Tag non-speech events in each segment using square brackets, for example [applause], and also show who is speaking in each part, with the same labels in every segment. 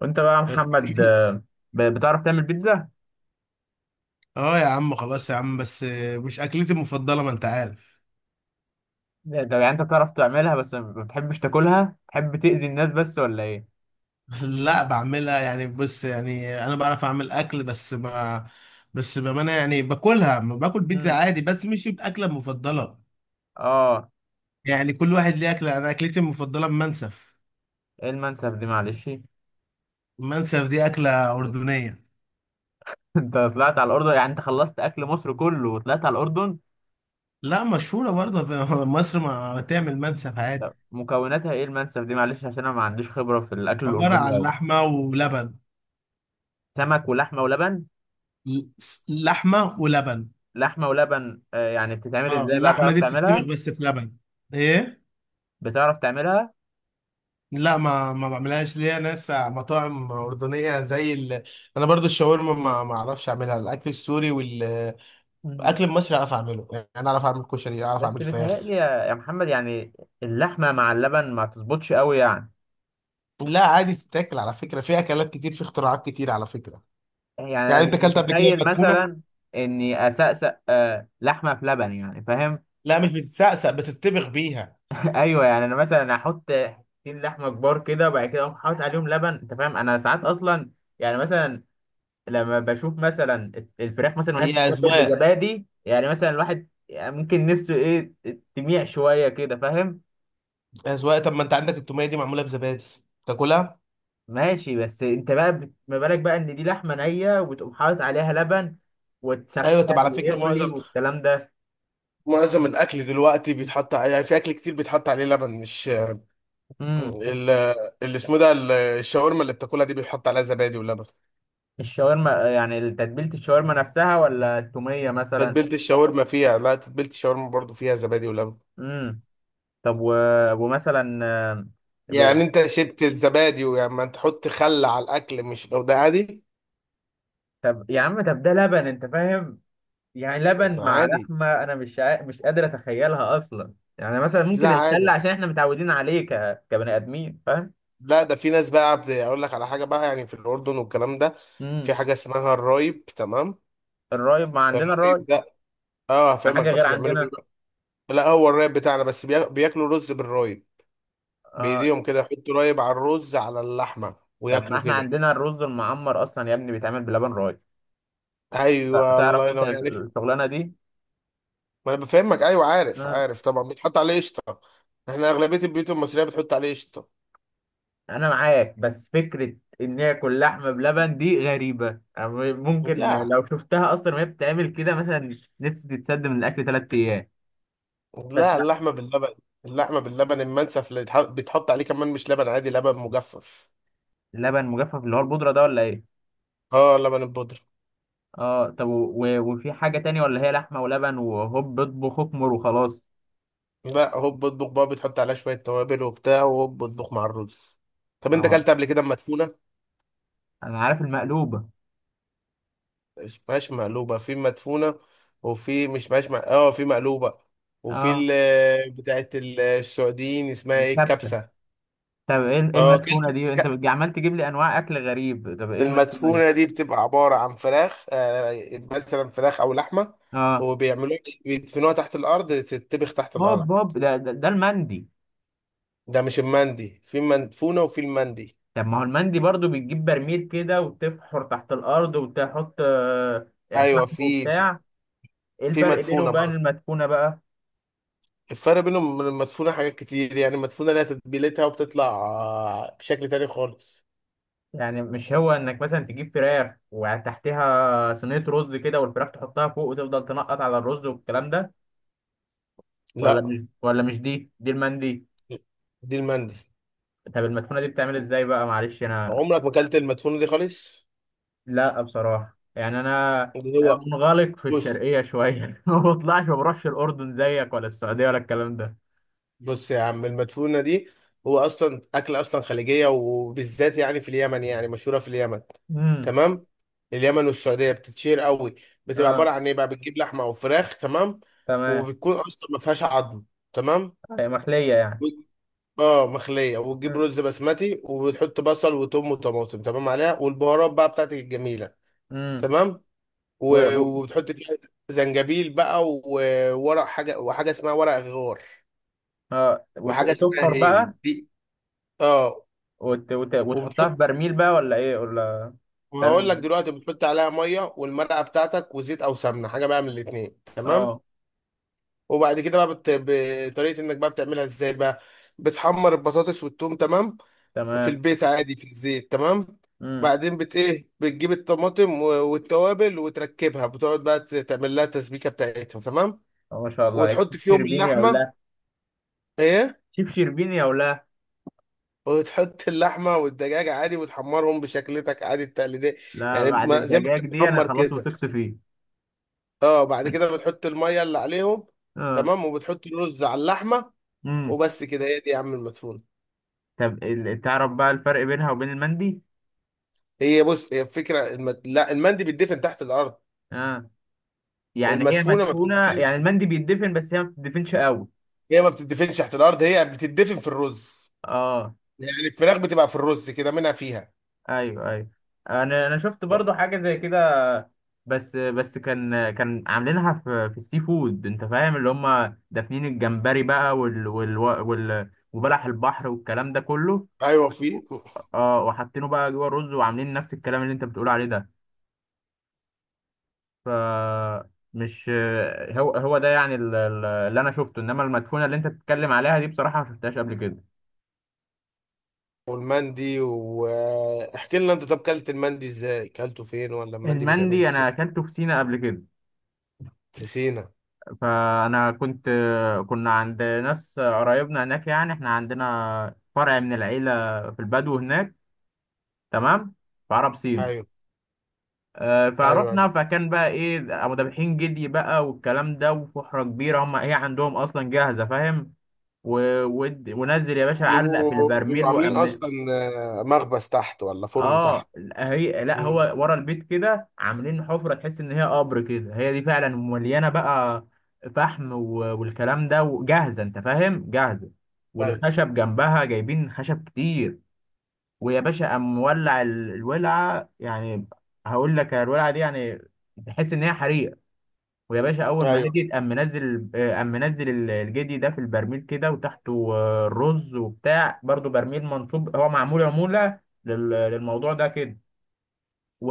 Speaker 1: وانت بقى يا محمد، بتعرف تعمل بيتزا؟
Speaker 2: اه يا عم، خلاص يا عم بس. مش اكلتي المفضله، ما انت عارف.
Speaker 1: ده يعني انت بتعرف تعملها بس ما بتحبش تاكلها؟ بتحب تأذي الناس بس ولا ايه؟
Speaker 2: [laughs] لا، بعملها. يعني بص، يعني انا بعرف اعمل اكل، بس ما بس بامانه يعني باكلها، ما باكل بيتزا
Speaker 1: امم.
Speaker 2: عادي، بس مش الاكله المفضله.
Speaker 1: اه.
Speaker 2: يعني كل واحد ليه اكله. انا اكلتي المفضله المنسف.
Speaker 1: ايه المنسف دي معلش. [laughs]
Speaker 2: المنسف دي اكله اردنيه.
Speaker 1: انت طلعت على الأردن، يعني انت خلصت أكل مصر كله وطلعت على الأردن.
Speaker 2: لا، مشهوره برضه في [laughs] مصر. ما تعمل منسف
Speaker 1: طب
Speaker 2: عادي.
Speaker 1: مكوناتها ايه المنسف دي معلش، عشان انا ما عنديش خبرة في الأكل
Speaker 2: عباره
Speaker 1: الأردني
Speaker 2: عن
Speaker 1: أوي.
Speaker 2: لحمه ولبن.
Speaker 1: سمك ولحمة ولبن؟
Speaker 2: ل- لحمه ولبن.
Speaker 1: لحمة ولبن، يعني بتتعمل
Speaker 2: اه،
Speaker 1: ازاي بقى،
Speaker 2: اللحمه
Speaker 1: تعرف
Speaker 2: دي بتتطبخ
Speaker 1: تعملها؟
Speaker 2: بس في لبن. ايه.
Speaker 1: بتعرف تعملها؟
Speaker 2: لا، ما بعملهاش. ليا ناس مطاعم أردنية أنا برضو الشاورما ما أعرفش أعملها. الأكل السوري والأكل
Speaker 1: امم.
Speaker 2: المصري أعرف أعمله. يعني أنا أعرف أعمل كشري، أعرف
Speaker 1: بس
Speaker 2: أعمل
Speaker 1: بيتهيألي
Speaker 2: فراخ.
Speaker 1: يا محمد، يعني اللحمة مع اللبن ما تظبطش أوي يعني.
Speaker 2: لا، عادي تتاكل على فكرة، في أكلات كتير، في اختراعات كتير على فكرة.
Speaker 1: يعني انا
Speaker 2: يعني أنت
Speaker 1: مش
Speaker 2: أكلت قبل كده
Speaker 1: متخيل
Speaker 2: مدفونة؟
Speaker 1: مثلا اني اسقسق لحمه في لبن، يعني فاهم.
Speaker 2: لا، مش بتتسقسق، بتتبخ بيها.
Speaker 1: [laughs] ايوه، يعني انا مثلا احط حتتين لحمه كبار كده وبعد كده اقوم حاطط عليهم لبن انت فاهم. انا ساعات اصلا يعني مثلا لما بشوف مثلا الفراخ مثلا وهي
Speaker 2: هي
Speaker 1: بتتبل
Speaker 2: أذواق.
Speaker 1: بزبادي، يعني مثلا الواحد يعني ممكن نفسه ايه تميع شويه كده فاهم.
Speaker 2: أذواق. طب ما أنت عندك التومية دي معمولة بزبادي. تاكلها؟
Speaker 1: ماشي، بس انت بقى ما بالك بقى ان دي لحمه نيه وبتقوم حاطط عليها لبن وتسخن
Speaker 2: أيوة. طب على فكرة
Speaker 1: ويغلي
Speaker 2: معظم
Speaker 1: والكلام
Speaker 2: معظم الأكل دلوقتي بيتحط يعني في أكل كتير بيتحط عليه لبن مش
Speaker 1: ده.
Speaker 2: ال- اللي اسمه ده الشاورما اللي بتاكلها دي بيحط عليها زبادي ولبن.
Speaker 1: الشاورما يعني تتبيلة الشاورما نفسها ولا التومية مثلا؟
Speaker 2: تتبيلة الشاورما فيها، لا، تتبيلة الشاورما برضو فيها زبادي ولبن.
Speaker 1: امم. طب و... ومثلا ب...
Speaker 2: يعني انت شربت الزبادي، ويعني ما تحط خل على الاكل، مش لو ده عادي؟
Speaker 1: طب يا عم، طب ده لبن انت فاهم. يعني لبن مع
Speaker 2: عادي.
Speaker 1: لحمة انا مش قادر اتخيلها اصلا. يعني مثلا
Speaker 2: لا،
Speaker 1: ممكن الخل
Speaker 2: عادي.
Speaker 1: عشان احنا متعودين عليه كبني ادمين فاهم.
Speaker 2: لا، ده في ناس بقى اقول لك على حاجة بقى، يعني في الاردن والكلام ده، في
Speaker 1: امم.
Speaker 2: حاجة اسمها الرايب، تمام.
Speaker 1: الرايب، ما عندنا
Speaker 2: الرايب
Speaker 1: الرايب.
Speaker 2: ده، اه،
Speaker 1: ما
Speaker 2: هفهمك.
Speaker 1: حاجة غير
Speaker 2: بس بيعملوا ايه
Speaker 1: عندنا.
Speaker 2: بقى؟ لا، هو الرايب بتاعنا، بس بياكلوا رز بالرايب.
Speaker 1: اه.
Speaker 2: بايديهم كده يحطوا رايب على الرز على اللحمة
Speaker 1: طب ما
Speaker 2: وياكلوا
Speaker 1: احنا
Speaker 2: كده.
Speaker 1: عندنا الرز المعمر اصلا يا ابني بيتعمل بلبن رايب.
Speaker 2: ايوه،
Speaker 1: تعرف
Speaker 2: الله
Speaker 1: انت
Speaker 2: ينور. يعني
Speaker 1: الشغلانة دي؟
Speaker 2: ما انا بفهمك. ايوه عارف عارف طبعا، بيتحط عليه قشطه. احنا اغلبيه البيوت المصريه بتحط عليه قشطه.
Speaker 1: انا معاك، بس فكره ان هي كل لحمه بلبن دي غريبه. أنا ممكن
Speaker 2: لا
Speaker 1: لو شفتها اصلا وهي بتتعمل كده مثلا نفسي تتسد من الاكل 3 ايام. بس
Speaker 2: لا،
Speaker 1: لا.
Speaker 2: اللحمه باللبن. اللحمه باللبن المنسف اللي بيتحط عليه كمان مش لبن عادي، لبن مجفف.
Speaker 1: لبن مجفف اللي هو البودره ده ولا ايه؟
Speaker 2: اه، لبن البودره.
Speaker 1: اه. طب وفي حاجه تانية ولا هي لحمه ولبن وهوب اطبخ اكمر وخلاص؟
Speaker 2: لا، هوب اطبخ بقى. بتحط عليها شويه توابل وبتاع وهوب اطبخ مع الرز. طب انت
Speaker 1: اه.
Speaker 2: اكلت قبل كده مدفونه؟
Speaker 1: انا عارف المقلوبه.
Speaker 2: مش مقلوبه، في مدفونه. وفي مش مش م- اه في مقلوبه. وفي
Speaker 1: اه.
Speaker 2: بتاعت السعوديين اسمها ايه،
Speaker 1: الكبسه.
Speaker 2: الكبسه.
Speaker 1: طب ايه
Speaker 2: اه كلت.
Speaker 1: المدفونه دي انت
Speaker 2: ك-
Speaker 1: عمال تجيب لي انواع اكل غريب، طب ايه المدفونه دي؟
Speaker 2: المدفونة دي بتبقى عبارة عن فراخ، مثلا فراخ أو لحمة،
Speaker 1: اه،
Speaker 2: وبيعملوها إيه، بيدفنوها تحت الأرض، تتبخ تحت
Speaker 1: هوب
Speaker 2: الأرض.
Speaker 1: هوب، ده المندي.
Speaker 2: ده مش المندي، في مدفونة وفي المندي.
Speaker 1: طب ما هو المندي برضو بتجيب برميل كده وتفحر تحت الأرض وتحط
Speaker 2: أيوة،
Speaker 1: فحم
Speaker 2: في.
Speaker 1: وبتاع. ايه
Speaker 2: في
Speaker 1: الفرق بينه
Speaker 2: مدفونة
Speaker 1: وبين
Speaker 2: برضه.
Speaker 1: المدفونة بقى؟
Speaker 2: الفرق بينهم من المدفونة حاجات كتير. يعني المدفونة لها تتبيلتها، وبتطلع بشكل تاني خالص.
Speaker 1: يعني مش هو انك مثلا تجيب فراخ وتحتها صينية رز كده والفراخ تحطها فوق وتفضل تنقط على الرز والكلام ده؟ ولا
Speaker 2: لا،
Speaker 1: مش ولا مش دي المندي.
Speaker 2: دي المندي.
Speaker 1: طب المدفونة دي بتعمل ازاي بقى معلش انا.
Speaker 2: عمرك ما أكلت المدفونة دي خالص.
Speaker 1: لا بصراحة يعني انا
Speaker 2: اللي هو
Speaker 1: منغلق في
Speaker 2: بص،
Speaker 1: الشرقية شوية [laughs] ما بطلعش ما بروحش الأردن زيك ولا السعودية ولا الكلام ده.
Speaker 2: بص يا عم، المدفونة دي هو أصلا أكلة أصلا خليجية، وبالذات يعني في اليمن، يعني مشهورة في اليمن.
Speaker 1: امم.
Speaker 2: تمام. اليمن والسعودية بتتشير قوي. بتبقى عبارة
Speaker 1: اه.
Speaker 2: عن إيه بقى، بتجيب لحمة أو فراخ، تمام.
Speaker 1: تمام.
Speaker 2: وبتكون أصلا ما فيهاش عظم. تمام.
Speaker 1: هي محلية يعني.
Speaker 2: و- اه مخلية، وتجيب
Speaker 1: مم.
Speaker 2: رز بسمتي، وبتحط بصل وتوم وطماطم، تمام، عليها والبهارات بقى بتاعتك الجميلة.
Speaker 1: مم.
Speaker 2: تمام.
Speaker 1: و... و...
Speaker 2: وبتحط فيها زنجبيل بقى، وورق حاجة، وحاجة اسمها ورق غار،
Speaker 1: اه،
Speaker 2: وحاجة اسمها
Speaker 1: وتبحر
Speaker 2: هيل
Speaker 1: بقى.
Speaker 2: دي. اه.
Speaker 1: وت... وت... وتحطها
Speaker 2: وبتحط
Speaker 1: في برميل بقى ولا ايه، ولا تعمل
Speaker 2: وهقول لك
Speaker 1: ازاي؟
Speaker 2: دلوقتي. بتحط عليها ميه والمرقه بتاعتك، وزيت او سمنه، حاجه بقى من الاتنين، تمام.
Speaker 1: اه.
Speaker 2: وبعد كده بقى بطريقه انك بقى بتعملها ازاي بقى، بتحمر البطاطس والثوم، تمام، في
Speaker 1: تمام.
Speaker 2: البيت عادي في الزيت، تمام.
Speaker 1: امم.
Speaker 2: بعدين بت ايه، بتجيب الطماطم والتوابل وتركبها. بتقعد بقى تعمل لها التسبيكه بتاعتها، تمام.
Speaker 1: ما شاء الله عليك
Speaker 2: وتحط
Speaker 1: شيف
Speaker 2: فيهم
Speaker 1: شربيني او
Speaker 2: اللحمه.
Speaker 1: لا؟
Speaker 2: ايه.
Speaker 1: شيف شربيني او لا؟
Speaker 2: وتحط اللحمه والدجاج عادي، وتحمرهم بشكلتك عادي التقليديه.
Speaker 1: لا
Speaker 2: يعني
Speaker 1: بعد
Speaker 2: ما زي ما احنا
Speaker 1: الدجاج دي انا
Speaker 2: بنحمر
Speaker 1: خلاص
Speaker 2: كده.
Speaker 1: وثقت فيه.
Speaker 2: اه، بعد كده بتحط الميه اللي عليهم،
Speaker 1: اه.
Speaker 2: تمام، وبتحط الرز على اللحمه.
Speaker 1: امم.
Speaker 2: وبس كده. هي دي يا عم المدفونه.
Speaker 1: طب تعرف بقى الفرق بينها وبين المندي؟
Speaker 2: هي بص، هي الفكره لا، المندي بيتدفن تحت الارض.
Speaker 1: اه. يعني هي
Speaker 2: المدفونه ما
Speaker 1: مدفونة، يعني
Speaker 2: بتدفنش.
Speaker 1: المندي بيتدفن بس هي ما بتدفنش قوي.
Speaker 2: هي ما بتدفنش تحت الارض، هي بتدفن في الرز.
Speaker 1: اه.
Speaker 2: يعني الفراخ بتبقى في الرز كده، منها فيها.
Speaker 1: ايوه، ايوه. انا شفت برضو حاجه زي كده، بس كان عاملينها في السي فود انت فاهم، اللي هم دافنين الجمبري بقى وال وال وال وبلح البحر والكلام ده كله.
Speaker 2: ايوه في.
Speaker 1: اه، وحاطينه بقى جوه الرز وعاملين نفس الكلام اللي انت بتقول عليه ده. ف مش هو ده يعني اللي انا شفته، انما المدفونه اللي انت بتتكلم عليها دي بصراحه ما شفتهاش قبل كده.
Speaker 2: والمندي، واحكي لنا انت. طب كلت المندي ازاي، كلته فين، ولا المندي بيتعمل
Speaker 1: المندي انا
Speaker 2: ازاي؟
Speaker 1: اكلته في سينا قبل كده.
Speaker 2: في سينا.
Speaker 1: فانا كنت كنا عند ناس قرايبنا هناك، يعني احنا عندنا فرع من العيله في البدو هناك تمام، في عرب سينا.
Speaker 2: ايوه ايوه ايوه.
Speaker 1: فروحنا، فكان بقى ايه، ابو دبحين جدي بقى والكلام ده، وفحره كبيره، هي عندهم اصلا جاهزه فاهم. ونزل يا باشا علق في
Speaker 2: بيبقوا
Speaker 1: البرميل
Speaker 2: بيبقوا عاملين اصلا، مخبز تحت ولا فرن
Speaker 1: اه.
Speaker 2: تحت.
Speaker 1: هي لا هو
Speaker 2: مم.
Speaker 1: ورا البيت كده عاملين حفره تحس ان هي قبر كده، هي دي فعلا مليانه بقى فحم والكلام ده، وجاهزه انت فاهم جاهزه،
Speaker 2: طيب.
Speaker 1: والخشب جنبها جايبين خشب كتير. ويا باشا قام مولع الولعه يعني. هقول لك الولعه دي يعني تحس ان هي حريقه. ويا باشا اول ما
Speaker 2: ايوه
Speaker 1: هديت قام منزل آه، قام منزل الجدي ده في البرميل كده، وتحته رز وبتاع برضو برميل منصوب هو معمول عموله للموضوع ده كده.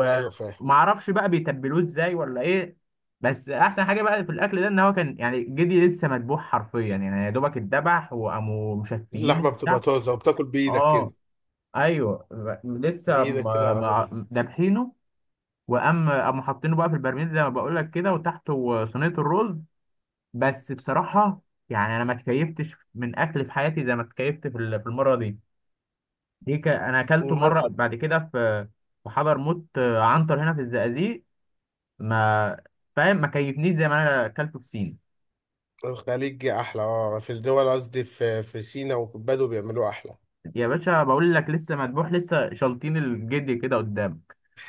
Speaker 2: ايوه فاهم.
Speaker 1: ومعرفش بقى بيتبلوه ازاي ولا ايه. بس احسن حاجه بقى في الاكل ده ان هو كان يعني جدي لسه مذبوح حرفيا، يعني يا دوبك اتذبح وقاموا مشفيينه
Speaker 2: اللحمه بتبقى
Speaker 1: وبتاع.
Speaker 2: طازه، وبتاكل بايدك
Speaker 1: اه.
Speaker 2: كده.
Speaker 1: ايوه لسه
Speaker 2: بايدك كده على بعض.
Speaker 1: دابحينه. قاموا حاطينه بقى في البرميل زي ما بقول لك كده، وتحته صينيه الرز. بس بصراحه يعني انا ما اتكيفتش من اكل في حياتي زي ما اتكيفت في المره دي. دي انا اكلته مره
Speaker 2: المنسف
Speaker 1: بعد كده في حضرموت عنتر هنا في الزقازيق. ما فاهم، ما كيفنيش زي ما انا اكلته في سين.
Speaker 2: الخليجي احلى. اه في الدول قصدي، في سينا، وبدو بيعملوه احلى.
Speaker 1: يا باشا بقول لك لسه مدبوح، لسه شالطين الجدي كده قدام.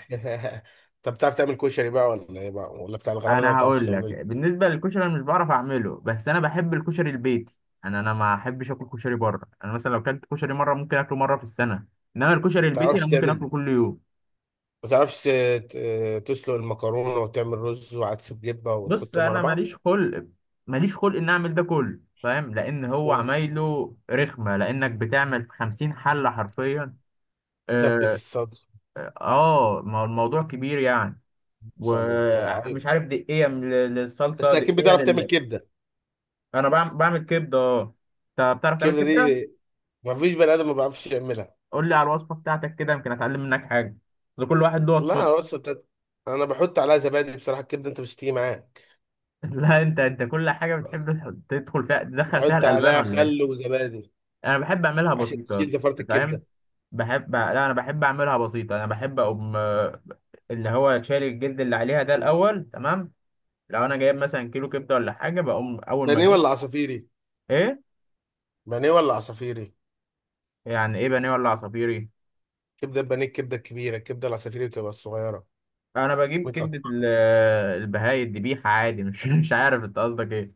Speaker 2: [laughs] طب بتعرف تعمل كشري بقى، ولا ايه بقى، ولا بتاع الغلابه ده ما
Speaker 1: انا
Speaker 2: بتعرفش
Speaker 1: هقول
Speaker 2: تعمله؟
Speaker 1: لك
Speaker 2: ما
Speaker 1: بالنسبه للكشري، انا مش بعرف اعمله، بس انا بحب الكشري البيتي. انا ما احبش اكل كشري بره، انا مثلا لو اكلت كشري مره ممكن اكله مره في السنه. انما الكشري البيتي انا
Speaker 2: بتعرفش
Speaker 1: ممكن اكله
Speaker 2: تعمل.
Speaker 1: كل يوم.
Speaker 2: ما بتعرفش تسلق المكرونه وتعمل رز وعدس بجبه
Speaker 1: بص
Speaker 2: وتحطهم على
Speaker 1: انا
Speaker 2: بعض.
Speaker 1: ماليش خلق، ماليش خلق ان اعمل ده كله فاهم، لان هو
Speaker 2: مم.
Speaker 1: عمايله رخمه، لانك بتعمل 50 حله حرفيا.
Speaker 2: تسبك
Speaker 1: اه.
Speaker 2: الصدر،
Speaker 1: ما هو الموضوع كبير يعني.
Speaker 2: بصل وبتاع، ايوه.
Speaker 1: ومش عارف دقيقة للصلصة
Speaker 2: بس اكيد
Speaker 1: دقيقة
Speaker 2: بتعرف تعمل
Speaker 1: لل...
Speaker 2: كبده.
Speaker 1: أنا بعمل كبدة أه. أنت بتعرف تعمل
Speaker 2: الكبده
Speaker 1: كبدة؟
Speaker 2: دي ما فيش بني ادم ما بيعرفش يعملها.
Speaker 1: قول لي على الوصفة بتاعتك كده يمكن أتعلم منك حاجة، بس كل واحد له
Speaker 2: لا
Speaker 1: وصفته.
Speaker 2: بص، انا بحط عليها زبادي بصراحه. الكبده انت مش هتيجي معاك.
Speaker 1: [laughs] لا أنت، كل حاجة
Speaker 2: ب-
Speaker 1: بتحب تدخل فيها
Speaker 2: بحط
Speaker 1: الألبان
Speaker 2: عليها
Speaker 1: ولا إيه؟
Speaker 2: خل وزبادي
Speaker 1: أنا بحب أعملها
Speaker 2: عشان
Speaker 1: بسيطة
Speaker 2: تشيل
Speaker 1: أصلا
Speaker 2: زفاره
Speaker 1: أنت فاهم؟
Speaker 2: الكبده.
Speaker 1: بحب لا أنا بحب أعملها بسيطة. أنا بحب أقوم اللي هو شاري الجلد اللي عليها ده الأول تمام؟ لو أنا جايب مثلا كيلو كبدة ولا حاجة بقوم أول ما
Speaker 2: بانيه
Speaker 1: أجيب.
Speaker 2: ولا عصافيري؟
Speaker 1: إيه؟
Speaker 2: بانيه ولا عصافيري؟
Speaker 1: يعني إيه بانيه ولا عصافيري؟
Speaker 2: كبده البانيه الكبده الكبيره، الكبده العصافيري بتبقى الصغيره،
Speaker 1: انا بجيب كبده
Speaker 2: متقطعه.
Speaker 1: البهاية الذبيحه عادي، مش [laughs] مش عارف انت قصدك ايه.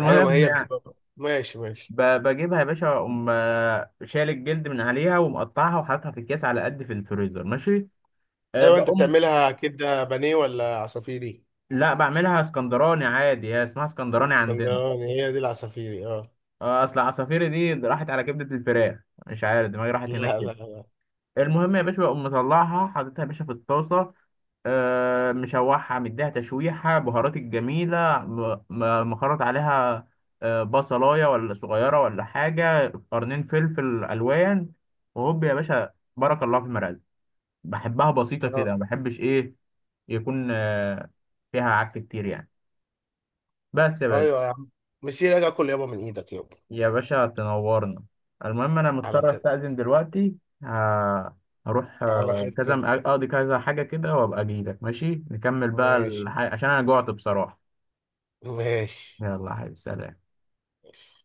Speaker 2: ايوه، ما هي
Speaker 1: يعني
Speaker 2: بتبقى ماشي ماشي.
Speaker 1: بجيبها يا باشا اقوم شايل الجلد من عليها ومقطعها وحاططها في الكيس على قد في الفريزر ماشي. أه
Speaker 2: ايوه، انت
Speaker 1: بقوم،
Speaker 2: بتعملها كبده بانيه ولا عصافيري؟
Speaker 1: لا بعملها اسكندراني عادي، هي اسمها اسكندراني عندنا.
Speaker 2: اسكندراني هي دي العصافيري، اه.
Speaker 1: اصل عصافيري دي راحت على كبده الفراخ، مش عارف دماغي راحت هناك.
Speaker 2: لا لا لا.
Speaker 1: المهم يا باشا بقوم مطلعها حاططها يا باشا في الطاسة، مشوحها مديها تشويحة بهارات الجميلة، مخرط عليها بصلاية ولا صغيرة ولا حاجة، قرنين فلفل ألوان، وهوب يا باشا بارك الله في المرقة. بحبها بسيطة كده،
Speaker 2: آه.
Speaker 1: ما بحبش إيه يكون فيها عك كتير يعني. بس يا باشا،
Speaker 2: ايوه يا عم. مش راجع اكل يابا من ايدك يابا.
Speaker 1: يا باشا تنورنا. المهم انا
Speaker 2: على
Speaker 1: مضطر
Speaker 2: خير.
Speaker 1: استأذن دلوقتي. ه- هروح
Speaker 2: على خير
Speaker 1: كذا اقضي كذا حاجة كده، وابقى اجيلك ماشي نكمل بقى
Speaker 2: ماشي.
Speaker 1: عشان انا جوعت بصراحة.
Speaker 2: ماشي.
Speaker 1: يلا يا حبيبي، سلام.
Speaker 2: ماشي.